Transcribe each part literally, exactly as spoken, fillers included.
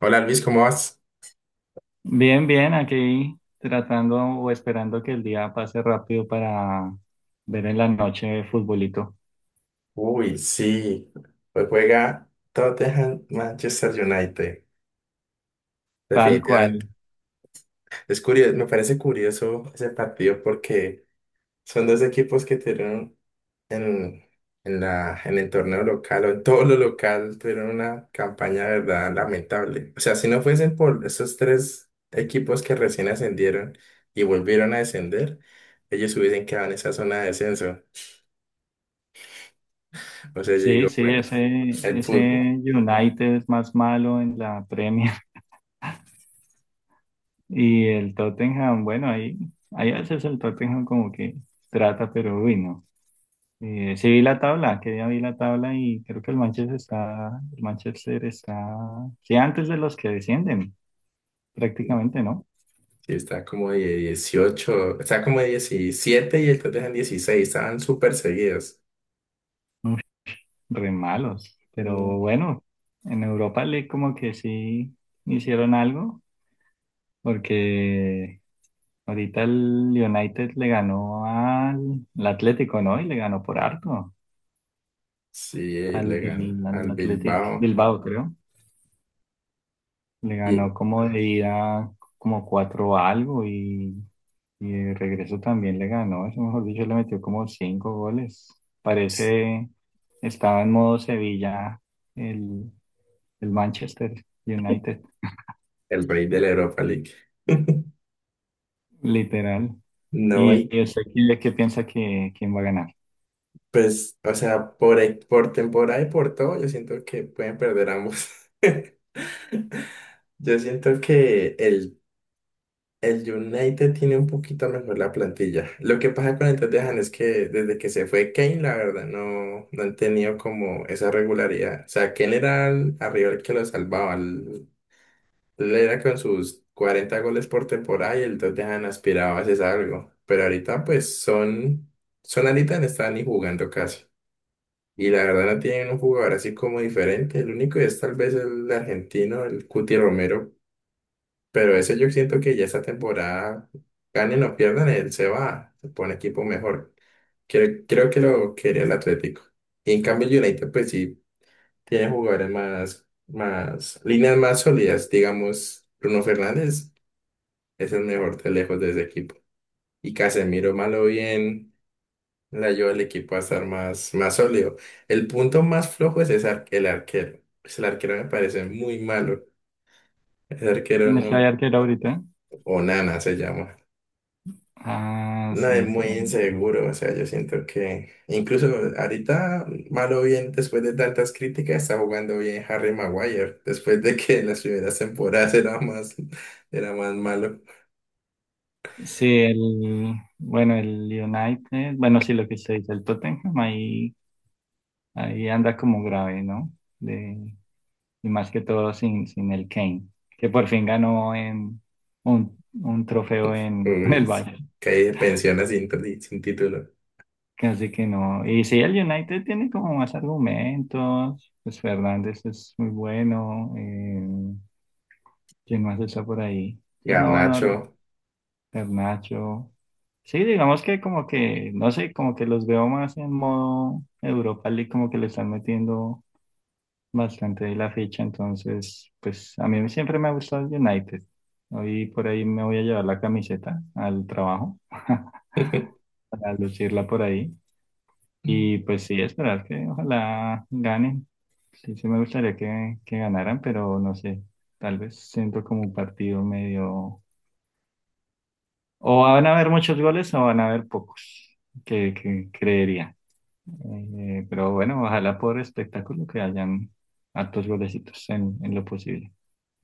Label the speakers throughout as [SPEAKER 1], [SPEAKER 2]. [SPEAKER 1] Hola Luis, ¿cómo vas?
[SPEAKER 2] Bien, bien, aquí tratando o esperando que el día pase rápido para ver en la noche futbolito.
[SPEAKER 1] Uy, sí, hoy juega Tottenham Manchester United,
[SPEAKER 2] Tal cual.
[SPEAKER 1] definitivamente. Es curioso, me parece curioso ese partido porque son dos equipos que tuvieron en, en la, en el torneo local o en todo lo local tuvieron una campaña de verdad lamentable. O sea, si no fuesen por esos tres equipos que recién ascendieron y volvieron a descender, ellos hubiesen quedado en esa zona de descenso. O sea, yo
[SPEAKER 2] Sí,
[SPEAKER 1] digo,
[SPEAKER 2] sí,
[SPEAKER 1] bueno,
[SPEAKER 2] ese,
[SPEAKER 1] el
[SPEAKER 2] ese
[SPEAKER 1] fútbol.
[SPEAKER 2] United es más malo en la Premier. Y el Tottenham, bueno, ahí, ahí a veces el Tottenham como que trata, pero uy, no. Eh, sí vi la tabla, que ya vi la tabla y creo que el Manchester está, el Manchester está, sí, antes de los que descienden, prácticamente, ¿no?
[SPEAKER 1] Sí, está como de dieciocho, está como de diecisiete y entonces en dieciséis estaban súper seguidos.
[SPEAKER 2] Re malos.
[SPEAKER 1] No.
[SPEAKER 2] Pero bueno, en Europa le como que sí hicieron algo, porque ahorita el United le ganó al al Atlético, ¿no? Y le ganó por harto
[SPEAKER 1] Sí, y
[SPEAKER 2] al,
[SPEAKER 1] le gana
[SPEAKER 2] Bil- al
[SPEAKER 1] al
[SPEAKER 2] Athletic
[SPEAKER 1] Bilbao
[SPEAKER 2] Bilbao, creo. Le
[SPEAKER 1] y
[SPEAKER 2] ganó como de ida como cuatro algo y, y de regreso también le ganó. Eso, mejor dicho, le metió como cinco goles.
[SPEAKER 1] pues,
[SPEAKER 2] Parece estaba en modo Sevilla el, el Manchester United.
[SPEAKER 1] el rey de la Europa League.
[SPEAKER 2] Literal.
[SPEAKER 1] No,
[SPEAKER 2] Y
[SPEAKER 1] y
[SPEAKER 2] y usted qué, qué piensa que quién va a ganar.
[SPEAKER 1] pues, o sea, por, e- por temporada y por todo, yo siento que pueden perder ambos. Yo siento que el el United tiene un poquito mejor la plantilla. Lo que pasa con el Tottenham es que desde que se fue Kane, la verdad, no, no han tenido como esa regularidad. O sea, Kane era el- arriba el que lo salvaba. el- Él era con sus cuarenta goles por temporada y el Tottenham aspiraba a hacer algo. Pero ahorita pues son, son ahorita no están ni jugando casi. Y la verdad no tienen un jugador así como diferente. El único es tal vez el argentino, el Cuti Romero, pero eso yo siento que ya esta temporada, ganen o pierdan, él se va, se pone equipo mejor. Creo, creo que lo quería el Atlético. Y en cambio el United pues sí tiene jugadores más, más, líneas más sólidas. Digamos, Bruno Fernández es el mejor de lejos de ese equipo. Y Casemiro, malo bien, le ayuda al equipo a estar más, más sólido. El punto más flojo es ese ar- el arquero. Pues, el arquero me parece muy malo. El
[SPEAKER 2] ¿El
[SPEAKER 1] arquero
[SPEAKER 2] mercado
[SPEAKER 1] no,
[SPEAKER 2] de arquero ahorita?
[SPEAKER 1] Onana se llama.
[SPEAKER 2] Ah,
[SPEAKER 1] No, es
[SPEAKER 2] sí, sí.
[SPEAKER 1] muy inseguro, o sea, yo siento que incluso ahorita, malo bien, después de tantas críticas, está jugando bien Harry Maguire, después de que en las primeras temporadas era más, era más malo.
[SPEAKER 2] Sí, el, bueno, el United, bueno, sí, lo que usted dice, el Tottenham ahí, ahí anda como grave, ¿no? De, y más que todo sin, sin el Kane, que por fin ganó en un, un trofeo en, en el
[SPEAKER 1] Uy,
[SPEAKER 2] Bayern.
[SPEAKER 1] caí de pensiones así, sin tri- sin título.
[SPEAKER 2] Así que no. Y sí, el United tiene como más argumentos. Pues Fernández es muy bueno. eh, Quién más está por ahí? Que no, no,
[SPEAKER 1] Garnacho.
[SPEAKER 2] Garnacho. Sí, digamos que como que, no sé, como que los veo más en modo Europa League, como que le están metiendo bastante de la ficha, entonces, pues a mí siempre me ha gustado el United. Hoy por ahí me voy a llevar la camiseta al trabajo para lucirla por ahí. Y pues sí, esperar que ojalá ganen. Sí, sí me gustaría que, que ganaran, pero no sé, tal vez siento como un partido medio. O van a haber muchos goles o van a haber pocos, que, que creería. Eh, pero bueno, ojalá por espectáculo que hayan hartos golecitos en, en lo posible.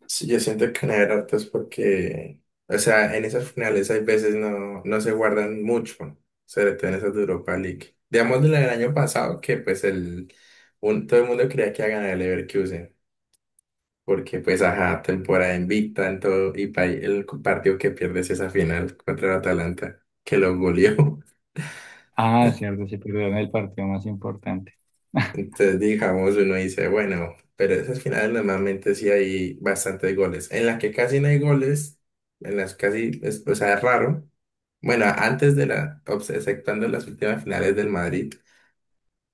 [SPEAKER 1] Sí, yo siento que una de es porque, o sea, en esas finales hay veces no, no se guardan mucho, sobre todo en esas de Europa League. Digamos la del año pasado, que pues el, un- todo el mundo creía que iba a ganar el Leverkusen, porque pues ajá, temporada invicta en todo, y pa- el partido que pierdes esa final contra el Atalanta, que lo goleó.
[SPEAKER 2] Ah, cierto, se perdieron el partido más importante.
[SPEAKER 1] Entonces, digamos, uno dice, bueno, pero esas finales normalmente sí hay bastantes goles. En las que casi no hay goles, en las casi, es- O sea, es raro. Bueno, antes de la, obs- exceptuando las últimas finales del Madrid,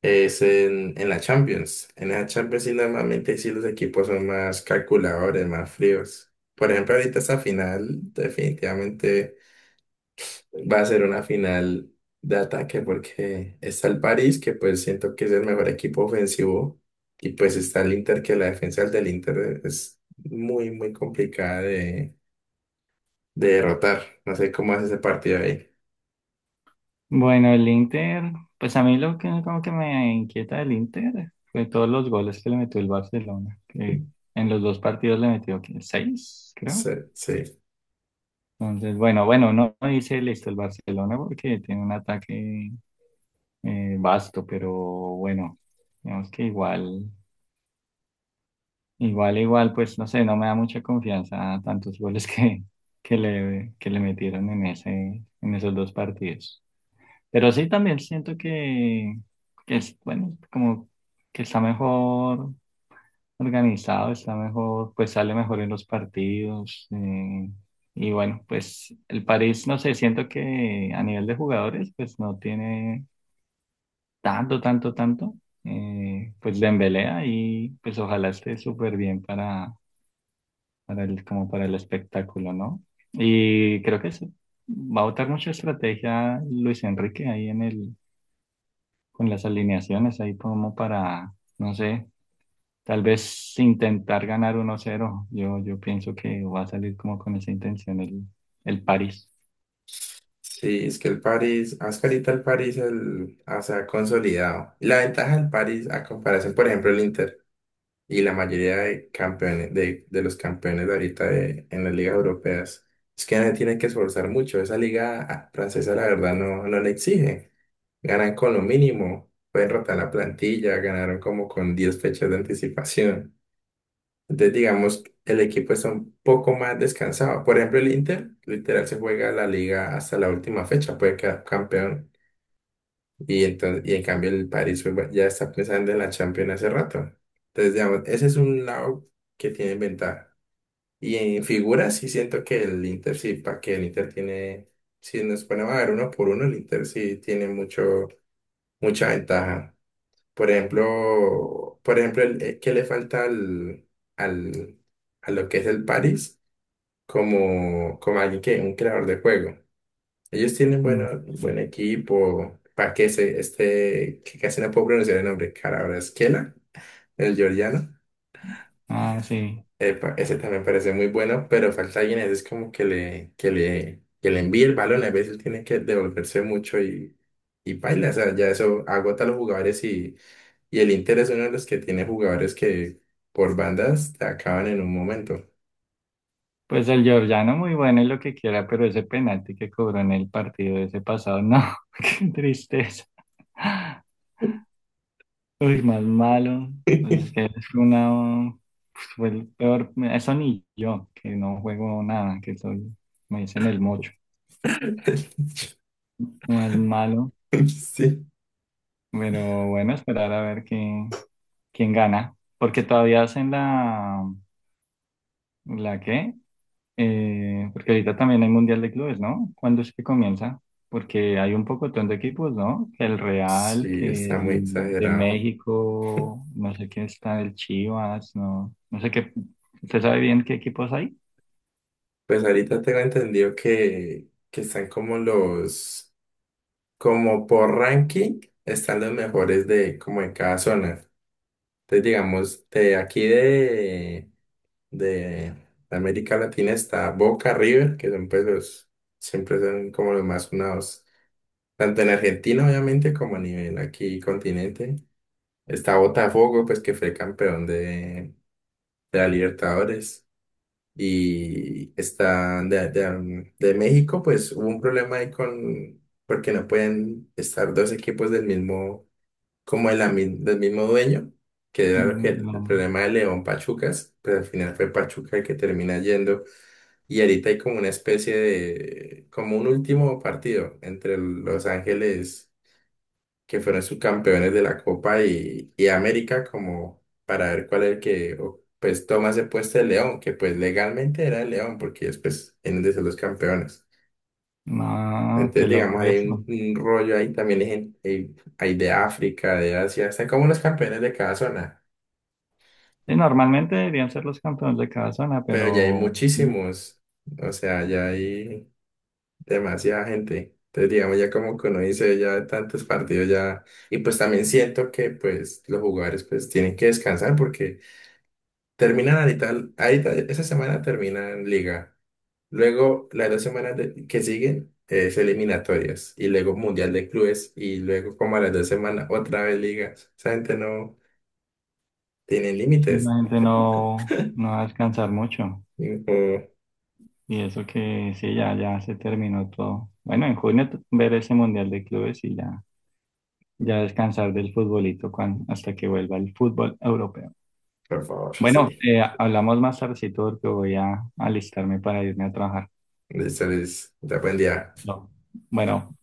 [SPEAKER 1] es en, en la Champions. En la Champions sí normalmente sí los equipos son más calculadores, más fríos. Por ejemplo, ahorita esta final definitivamente va a ser una final de ataque porque está el París, que pues siento que es el mejor equipo ofensivo, y pues está el Inter, que la defensa del Inter es muy, muy complicada de, de derrotar. No sé cómo hace ese partido ahí.
[SPEAKER 2] Bueno, el Inter, pues a mí lo que como que me inquieta del Inter fue todos los goles que le metió el Barcelona, que en los dos partidos le metió ¿qué? Seis, creo.
[SPEAKER 1] Sí, sí.
[SPEAKER 2] Entonces, bueno, bueno, no no dice listo el Barcelona porque tiene un ataque eh, vasto, pero bueno, digamos que igual, igual, igual, pues no sé, no me da mucha confianza tantos goles que, que le, que le metieron en ese, en esos dos partidos. Pero sí también siento que, que es, bueno, como que está mejor organizado, está mejor, pues sale mejor en los partidos. Eh, y bueno, pues el París, no sé, siento que a nivel de jugadores, pues no tiene tanto, tanto, tanto, eh, pues Dembélé ahí, pues ojalá esté súper bien para, para el, como para el espectáculo, ¿no? Y creo que sí, va a botar mucha estrategia Luis Enrique ahí en el, con las alineaciones, ahí como para, no sé, tal vez intentar ganar uno cero. Yo, yo pienso que va a salir como con esa intención el, el París.
[SPEAKER 1] Sí, es que el París, hasta ahorita el París el, ah, se ha consolidado. Y la ventaja del París, a comparación, por ejemplo, el Inter y la mayoría de campeones, de, de los campeones de ahorita de- en las ligas europeas, es que no se tienen que esforzar mucho. Esa liga ah, francesa, la verdad, no, no le exige. Ganan con lo mínimo, pueden rotar la plantilla, ganaron como con diez fechas de anticipación. Entonces, digamos, el equipo está un poco más descansado. Por ejemplo, el Inter, literal, se juega la liga hasta la última fecha, puede quedar campeón. Y, entonces, y en cambio, el París pues, bueno, ya está pensando en la Champions hace rato. Entonces, digamos, ese es un lado que tiene ventaja. Y en figuras, sí siento que el Inter, sí, para que el Inter tiene, si nos ponemos a ver uno por uno, el Inter sí tiene mucho, mucha ventaja. Por ejemplo, por ejemplo, el, eh, ¿qué le falta al, al, a lo que es el Paris como, como alguien que un creador de juego? Ellos tienen
[SPEAKER 2] Mm,
[SPEAKER 1] bueno, buen
[SPEAKER 2] sí.
[SPEAKER 1] equipo, para que se, este, que casi no puedo pronunciar el nombre, Kvaratskhelia, el georgiano.
[SPEAKER 2] Ah, sí.
[SPEAKER 1] Epa, ese también parece muy bueno, pero falta alguien, ese es como que le, que le, que le envíe el balón, a veces tiene que devolverse mucho y, y baila, o sea, ya eso agota a los jugadores. Y el Inter es uno de los que tiene jugadores que por bandas te acaban en un momento.
[SPEAKER 2] Pues el georgiano muy bueno y lo que quiera, pero ese penalti que cobró en el partido de ese pasado, no, qué tristeza. Uy, más malo. Pues es que es una, pues fue el peor, eso ni yo, que no juego nada, que soy, me dicen el mocho, más malo.
[SPEAKER 1] Sí,
[SPEAKER 2] Pero bueno, esperar a ver quién, quién gana, porque todavía hacen la, ¿la qué? Eh, porque ahorita también hay Mundial de Clubes, ¿no? ¿Cuándo es que comienza? Porque hay un pocotón de equipos, ¿no? Que el Real,
[SPEAKER 1] sí,
[SPEAKER 2] que
[SPEAKER 1] está muy
[SPEAKER 2] el de
[SPEAKER 1] exagerado.
[SPEAKER 2] México, no sé quién está, el Chivas, no, no sé qué. ¿Usted sabe bien qué equipos hay?
[SPEAKER 1] Pues ahorita tengo entendido que, que están como los, como por ranking, están los mejores de como en cada zona. Entonces, digamos, de aquí de, de América Latina está Boca, River, que son pues los, siempre son como los más sonados. Tanto en Argentina, obviamente, como a nivel aquí continente. Está Botafogo, pues que fue campeón de, de la Libertadores. Y está de, de, um, de México, pues hubo un problema ahí con, porque no pueden estar dos equipos del mismo, como de la mi- del mismo dueño, que era lo que,
[SPEAKER 2] Mm,
[SPEAKER 1] el
[SPEAKER 2] no,
[SPEAKER 1] problema de León Pachucas, pero al final fue Pachuca el que termina yendo. Y ahorita hay como una especie de, como un último partido entre Los Ángeles que fueron subcampeones de la Copa y, y América como para ver cuál es el que o, pues toma ese puesto de León, que pues legalmente era el León porque ellos pues en de ser los campeones.
[SPEAKER 2] no, qué
[SPEAKER 1] Entonces
[SPEAKER 2] loco
[SPEAKER 1] digamos hay un,
[SPEAKER 2] eso.
[SPEAKER 1] un rollo ahí también hay, gen- hay, hay de África, de Asia, están como los campeones de cada zona,
[SPEAKER 2] Y normalmente deberían ser los campeones de cada zona,
[SPEAKER 1] pero ya hay
[SPEAKER 2] pero sí,
[SPEAKER 1] muchísimos, o sea, ya hay demasiada gente. Entonces, digamos, ya como que uno dice, ya tantos partidos ya, y pues también siento que pues los jugadores pues tienen que descansar porque terminan ahorita, ahorita esa semana terminan liga. Luego, las dos semanas de- que siguen es eliminatorias y luego Mundial de Clubes y luego como a las dos semanas otra vez liga. Esa gente no tiene
[SPEAKER 2] sí,
[SPEAKER 1] límites.
[SPEAKER 2] la gente no, no va a descansar mucho.
[SPEAKER 1] Y, oh,
[SPEAKER 2] Y eso que sí, ya, ya se terminó todo. Bueno, en junio t- ver ese Mundial de Clubes y ya. Ya descansar del futbolito cuan- hasta que vuelva el fútbol europeo.
[SPEAKER 1] por favor,
[SPEAKER 2] Bueno,
[SPEAKER 1] sí.
[SPEAKER 2] eh, hablamos más tardecito porque voy a alistarme para irme a trabajar.
[SPEAKER 1] Listo, Luis. Te buen día.
[SPEAKER 2] No. Bueno.